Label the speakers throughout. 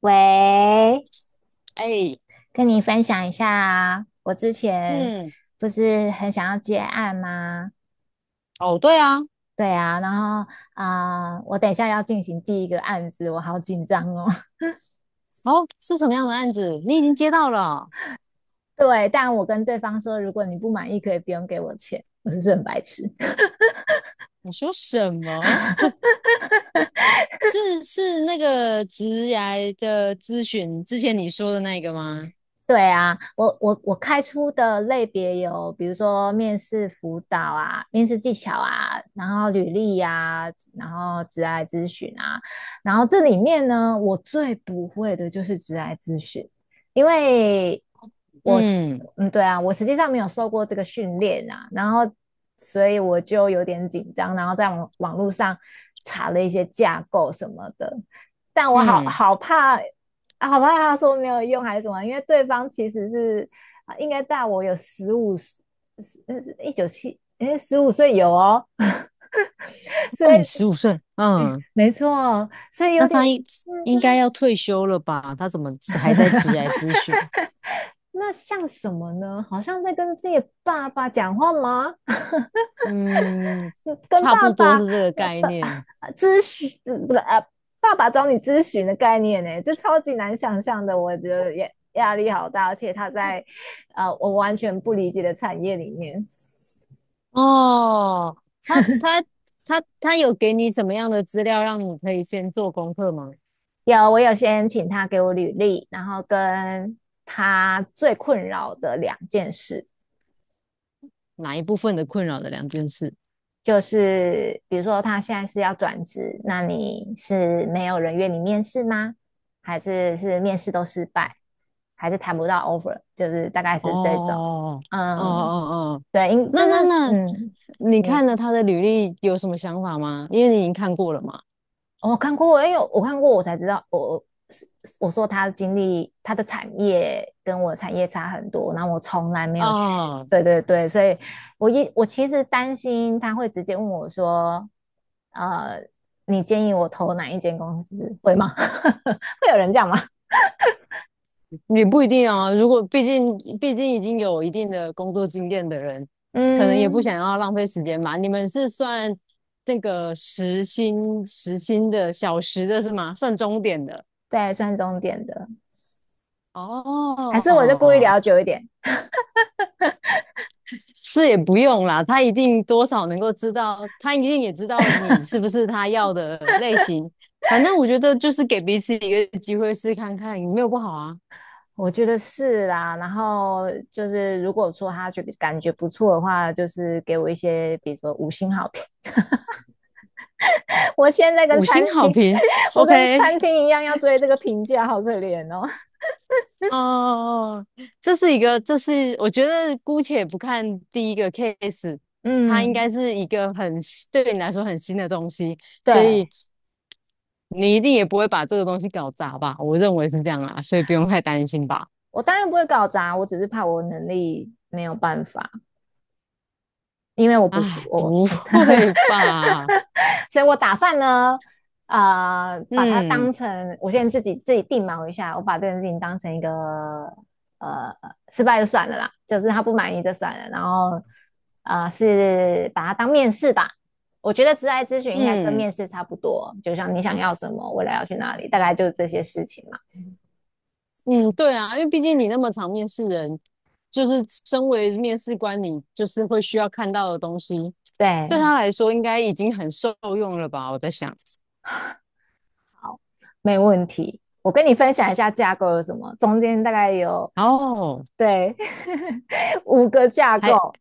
Speaker 1: 喂，
Speaker 2: 哎，
Speaker 1: 跟你分享一下啊，我之前
Speaker 2: 嗯，
Speaker 1: 不是很想要接案吗？
Speaker 2: 哦，对啊，
Speaker 1: 对啊，然后我等一下要进行第一个案子，我好紧张哦。
Speaker 2: 哦，是什么样的案子？你已经接到了？
Speaker 1: 对，但我跟对方说，如果你不满意，可以不用给我钱。我是不是很白痴？
Speaker 2: 你说什么？是那个职涯的咨询之前你说的那个吗？
Speaker 1: 对啊，我开出的类别有，比如说面试辅导啊、面试技巧啊，然后履历呀、然后职涯咨询啊，然后这里面呢，我最不会的就是职涯咨询。因为我是
Speaker 2: 嗯
Speaker 1: 嗯对啊，我实际上没有受过这个训练啊，然后所以我就有点紧张，然后在网络上查了一些架构什么的，但我好
Speaker 2: 嗯，
Speaker 1: 好怕啊。好吧，他说没有用还是什么？因为对方其实是啊，应该大我有十五十，那是一九七，哎，15岁有哦，
Speaker 2: 他
Speaker 1: 所以
Speaker 2: 大你十五岁，嗯，
Speaker 1: 没错，所以
Speaker 2: 那
Speaker 1: 有点，
Speaker 2: 应该
Speaker 1: 嗯。
Speaker 2: 要退休了吧？他怎么还在职涯咨询？
Speaker 1: 那像什么呢？好像在跟自己的爸爸讲话吗？
Speaker 2: 嗯，
Speaker 1: 跟
Speaker 2: 差
Speaker 1: 爸
Speaker 2: 不多
Speaker 1: 爸
Speaker 2: 是
Speaker 1: 爸
Speaker 2: 这个概念。
Speaker 1: 爸咨询，不是啊，爸爸找你咨询的概念呢，这超级难想象的，我觉得也压力好大，而且他在我完全不理解的产业里面。
Speaker 2: 哦，他他他有给你什么样的资料让你可以先做功课吗？
Speaker 1: 有，我有先请他给我履历，然后跟他最困扰的两件事，
Speaker 2: 哪一部分的困扰的两件事。
Speaker 1: 就是比如说他现在是要转职，那你是没有人约你面试吗？还是面试都失败，还是谈不到 offer？就是大概是这种。
Speaker 2: 哦哦哦
Speaker 1: 嗯，
Speaker 2: 哦，
Speaker 1: 对，因
Speaker 2: 那
Speaker 1: 就是
Speaker 2: 那那，
Speaker 1: 嗯，
Speaker 2: 你
Speaker 1: 你
Speaker 2: 看了他的履历有什么想法吗？因为你已经看过了嘛。
Speaker 1: 我看过，因为我看过，我才知道，我说他的经历，他的产业跟我的产业差很多，然后我从来没有学，
Speaker 2: 啊，
Speaker 1: 对对对，所以我其实担心他会直接问我说，呃，你建议我投哪一间公司，会吗？会有人这样吗？
Speaker 2: 也不一定啊，如果毕竟已经有一定的工作经验的人，可能也不
Speaker 1: 嗯，
Speaker 2: 想要浪费时间吧。你们是算那个时薪的小时的是吗？算钟点的。
Speaker 1: 对，算重点的，还是我就故意
Speaker 2: 哦，
Speaker 1: 聊久一点。
Speaker 2: 是也不用啦，他一定多少能够知道，他一定也知道你是不是他要的类型。反正我觉得就是给彼此一个机会试看看，有没有不好啊？
Speaker 1: 我觉得是啦，然后就是如果说他觉得感觉不错的话，就是给我一些，比如说五星好评。我现在跟
Speaker 2: 五
Speaker 1: 餐
Speaker 2: 星好
Speaker 1: 厅
Speaker 2: 评
Speaker 1: 我跟
Speaker 2: ，OK，
Speaker 1: 餐厅一样要追这个评价，好可怜哦。
Speaker 2: 哦，这是我觉得姑且不看第一个 case，它应该
Speaker 1: 嗯，
Speaker 2: 是一个很新对你来说很新的东西，所以
Speaker 1: 对，
Speaker 2: 你一定也不会把这个东西搞砸吧？我认为是这样啦，所以不用太担心吧。
Speaker 1: 我当然不会搞砸，我只是怕我能力没有办法。因为我不，
Speaker 2: 哎，
Speaker 1: 我。
Speaker 2: 不会吧？
Speaker 1: 所以我打算呢，把它
Speaker 2: 嗯
Speaker 1: 当成我现在自己定锚一下，我把这件事情当成一个呃失败就算了啦，就是他不满意就算了，然后是把它当面试吧。我觉得职涯咨询应该跟
Speaker 2: 嗯
Speaker 1: 面试差不多，就像你想要什么，未来要去哪里，大概就是这些事情嘛。
Speaker 2: 嗯，对啊，因为毕竟你那么常面试人，就是身为面试官，你就是会需要看到的东西，对
Speaker 1: 对，
Speaker 2: 他来说应该已经很受用了吧？我在想，
Speaker 1: 好，没问题。我跟你分享一下架构有什么，中间大概有，
Speaker 2: 哦，
Speaker 1: 对。五个架
Speaker 2: 还
Speaker 1: 构。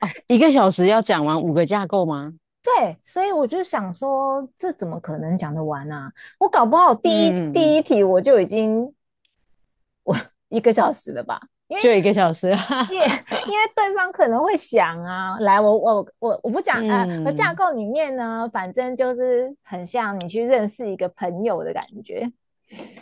Speaker 2: 哦，一个小时要讲完五个架构吗？
Speaker 1: 对，所以我就想说，这怎么可能讲得完啊？我搞不好第一
Speaker 2: 嗯嗯
Speaker 1: 第
Speaker 2: 嗯，
Speaker 1: 一题我就已经1个小时了吧。因为
Speaker 2: 就一个小时，哈
Speaker 1: 因为
Speaker 2: 哈，
Speaker 1: 因为对方可能会想啊。来，我不 讲，我架
Speaker 2: 嗯
Speaker 1: 构里面呢，反正就是很像你去认识一个朋友的感觉，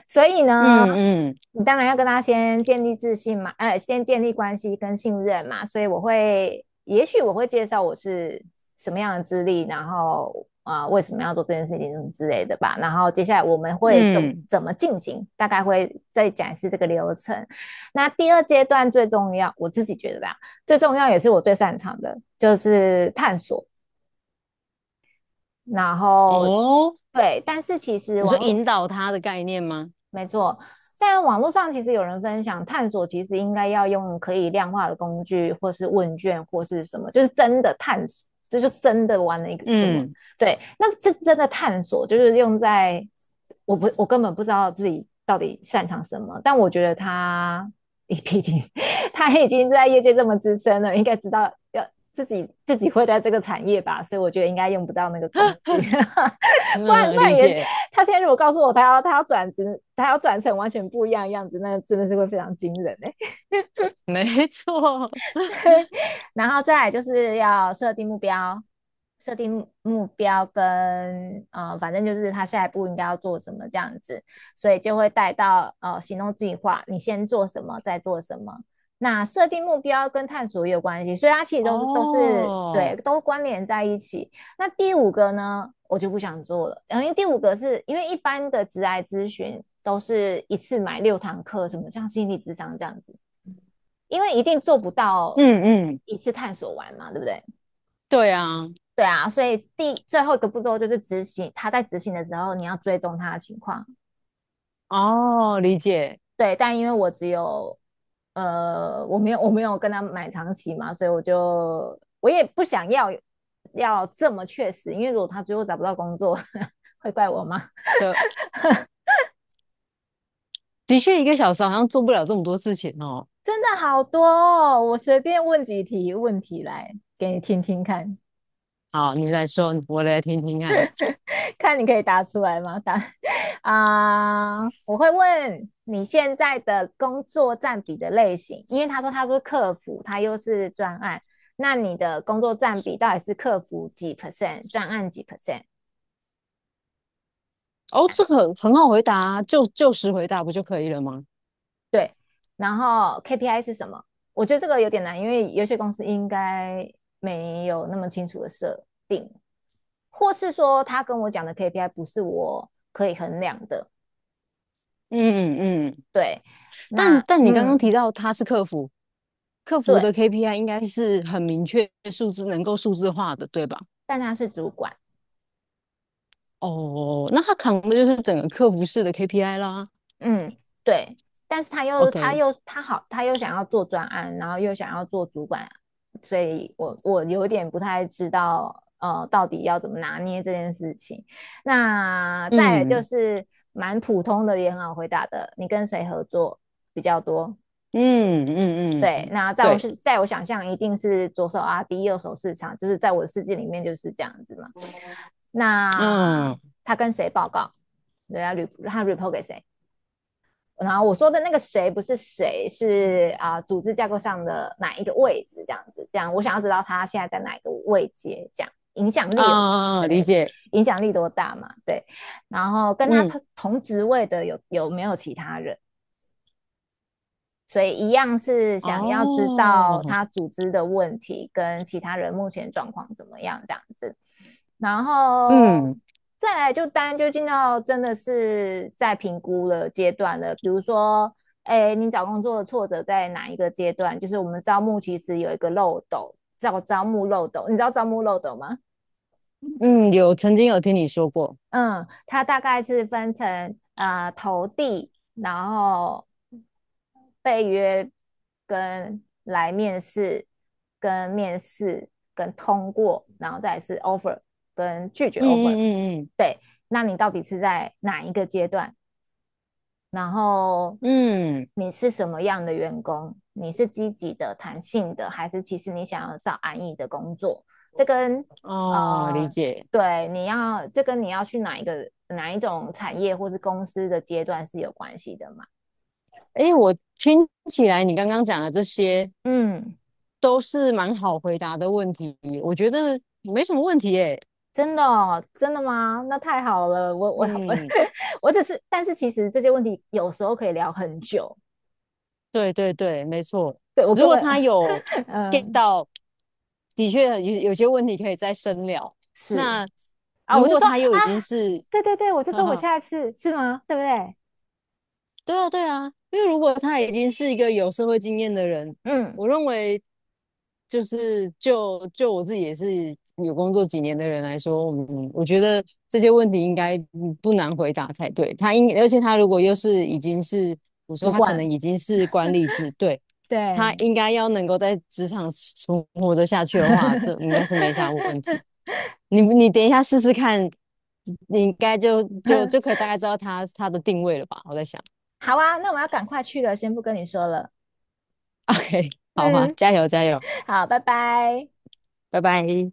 Speaker 1: 所以呢，
Speaker 2: 嗯嗯
Speaker 1: 你当然要跟他先建立自信嘛，先建立关系跟信任嘛。所以我会，也许我会介绍我是什么样的资历，然后为什么要做这件事情什么之类的吧。然后接下来我们会怎么
Speaker 2: 嗯，
Speaker 1: 怎么进行，大概会再讲一次这个流程。那第二阶段最重要，我自己觉得吧，最重要也是我最擅长的，就是探索。然后
Speaker 2: 哦，
Speaker 1: 对，但是其实
Speaker 2: 你说引导他的概念吗？
Speaker 1: 没错，在网络上其实有人分享，探索其实应该要用可以量化的工具，或是问卷，或是什么，就是真的探索，这就真的玩了一个什么。
Speaker 2: 嗯
Speaker 1: 对，那这真的探索就是用在，我不，我根本不知道自己到底擅长什么，但我觉得他，毕竟他已经在业界这么资深了，应该知道要自己会在这个产业吧，所以我觉得应该用不到那个工具，不然不
Speaker 2: 嗯，
Speaker 1: 然
Speaker 2: 理
Speaker 1: 也。
Speaker 2: 解，
Speaker 1: 他现在如果告诉我他要转职，他要转成完全不一样的样子，那真的是会非常惊人哎、欸。
Speaker 2: 没错，
Speaker 1: 然后再来就是要设定目标，设定目标跟反正就是他下一步应该要做什么这样子，所以就会带到行动计划，你先做什么，再做什么。那设定目标跟探索也有关系，所以它其实都是都是
Speaker 2: 哦。
Speaker 1: 对，都关联在一起。那第五个呢，我就不想做了，因为第五个是因为一般的职涯咨询都是一次买六堂课，什么像心理智商这样子，因为一定做不到
Speaker 2: 嗯嗯，
Speaker 1: 一次探索完嘛，对不对？
Speaker 2: 对啊，
Speaker 1: 对啊，所以最后一个步骤就是执行，他在执行的时候你要追踪他的情况。
Speaker 2: 哦，理解
Speaker 1: 对，但因为我只有我没有我没有跟他买长期嘛，所以我也不想要这么确实，因为如果他最后找不到工作 会怪我吗？
Speaker 2: 的，确，一个小时好像做不了这么多事情哦。
Speaker 1: 真的好多哦！我随便问几题问题来给你听听看，
Speaker 2: 好，你来说，我来听听看。
Speaker 1: 看你可以答出来吗？我会问你现在的工作占比的类型，因为他说他是客服，他又是专案，那你的工作占比到底是客服几 percent,专案几 %?这
Speaker 2: 哦，这
Speaker 1: 样
Speaker 2: 个很好回答啊，就实回答不就可以了吗？
Speaker 1: 对，然后 KPI 是什么？我觉得这个有点难，因为有些公司应该没有那么清楚的设定。或是说他跟我讲的 KPI 不是我可以衡量的。
Speaker 2: 嗯嗯嗯，
Speaker 1: 对，
Speaker 2: 但
Speaker 1: 那
Speaker 2: 但你刚刚提到他是客服，客服
Speaker 1: 对，
Speaker 2: 的 KPI 应该是很明确数字，能够数字化的，对吧？
Speaker 1: 但他是主管。
Speaker 2: 哦，那他扛的就是整个客服式的 KPI 啦。
Speaker 1: 嗯对，但是
Speaker 2: OK，
Speaker 1: 他又想要做专案，然后又想要做主管，所以我有点不太知道到底要怎么拿捏这件事情。那再来就
Speaker 2: 嗯
Speaker 1: 是蛮普通的也很好回答的，你跟谁合作比较多？
Speaker 2: 嗯嗯
Speaker 1: 对，
Speaker 2: 嗯，
Speaker 1: 那
Speaker 2: 对，
Speaker 1: 在我想象一定是左手 RD,右手市场，就是在我的世界里面就是这样子嘛。那
Speaker 2: 嗯
Speaker 1: 他跟谁报告？对啊，他 report 给谁？然后我说的那个谁不是谁，是啊、组织架构上的哪一个位置这样子。这样我想要知道他现在在哪一个位阶，这样影响力有
Speaker 2: 啊，理
Speaker 1: 对，
Speaker 2: 解。
Speaker 1: 影响力多大嘛？对，然后跟他
Speaker 2: 嗯，
Speaker 1: 同职位的有没有其他人？所以一样是想要知
Speaker 2: 哦，
Speaker 1: 道他组织的问题跟其他人目前状况怎么样这样子，然后
Speaker 2: 嗯
Speaker 1: 再来就当然就进到真的是在评估的阶段了。比如说，哎，你找工作的挫折在哪一个阶段？就是我们招募其实有一个漏斗，叫招募漏斗，你知道招募漏斗吗？
Speaker 2: 嗯，曾经有听你说过，
Speaker 1: 嗯，它大概是分成投递，然后被约跟来面试，跟面试跟通过，然后再是 offer 跟拒绝
Speaker 2: 嗯
Speaker 1: offer。
Speaker 2: 嗯嗯
Speaker 1: 对，那你到底是在哪一个阶段？然后
Speaker 2: 嗯嗯，
Speaker 1: 你是什么样的员工？你是积极的、弹性的，还是其实你想要找安逸的工作？这跟
Speaker 2: 哦，理
Speaker 1: 呃，
Speaker 2: 解。
Speaker 1: 对，这跟你要去哪一种产业或是公司的阶段是有关系的嘛？
Speaker 2: 诶，我听起来你刚刚讲的这些
Speaker 1: 嗯，
Speaker 2: 都是蛮好回答的问题，我觉得没什么问题诶。
Speaker 1: 真的哦，真的吗？那太好了，我
Speaker 2: 嗯，
Speaker 1: 我只是，但是其实这些问题有时候可以聊很久，
Speaker 2: 对对对，没错。
Speaker 1: 对，我
Speaker 2: 如
Speaker 1: 根
Speaker 2: 果
Speaker 1: 本，
Speaker 2: 他有 get
Speaker 1: 嗯，
Speaker 2: 到，的确有些问题可以再深聊。
Speaker 1: 是。
Speaker 2: 那
Speaker 1: 啊，
Speaker 2: 如
Speaker 1: 我就
Speaker 2: 果
Speaker 1: 说啊，
Speaker 2: 他又已经是
Speaker 1: 对对对，我 就
Speaker 2: 哈
Speaker 1: 说我
Speaker 2: 哈。
Speaker 1: 下一次是吗？对不对？
Speaker 2: 对啊，对啊，因为如果他已经是一个有社会经验的人，
Speaker 1: 嗯，
Speaker 2: 我认为就是我自己也是有工作几年的人来说，我觉得这些问题应该不难回答才对。而且他如果又是已经是你说
Speaker 1: 主
Speaker 2: 他可
Speaker 1: 管，
Speaker 2: 能已经是管理职，对，他
Speaker 1: 对，
Speaker 2: 应该要能够在职场存活得下去的话，这应该是没啥问题。你等一下试试看，你应该就可以大概知道他的定位了吧？我在想。
Speaker 1: 好啊，那我要赶快去了，先不跟你说了。
Speaker 2: OK，好啊，
Speaker 1: 嗯。
Speaker 2: 加油加油，
Speaker 1: 好，拜拜。
Speaker 2: 拜拜。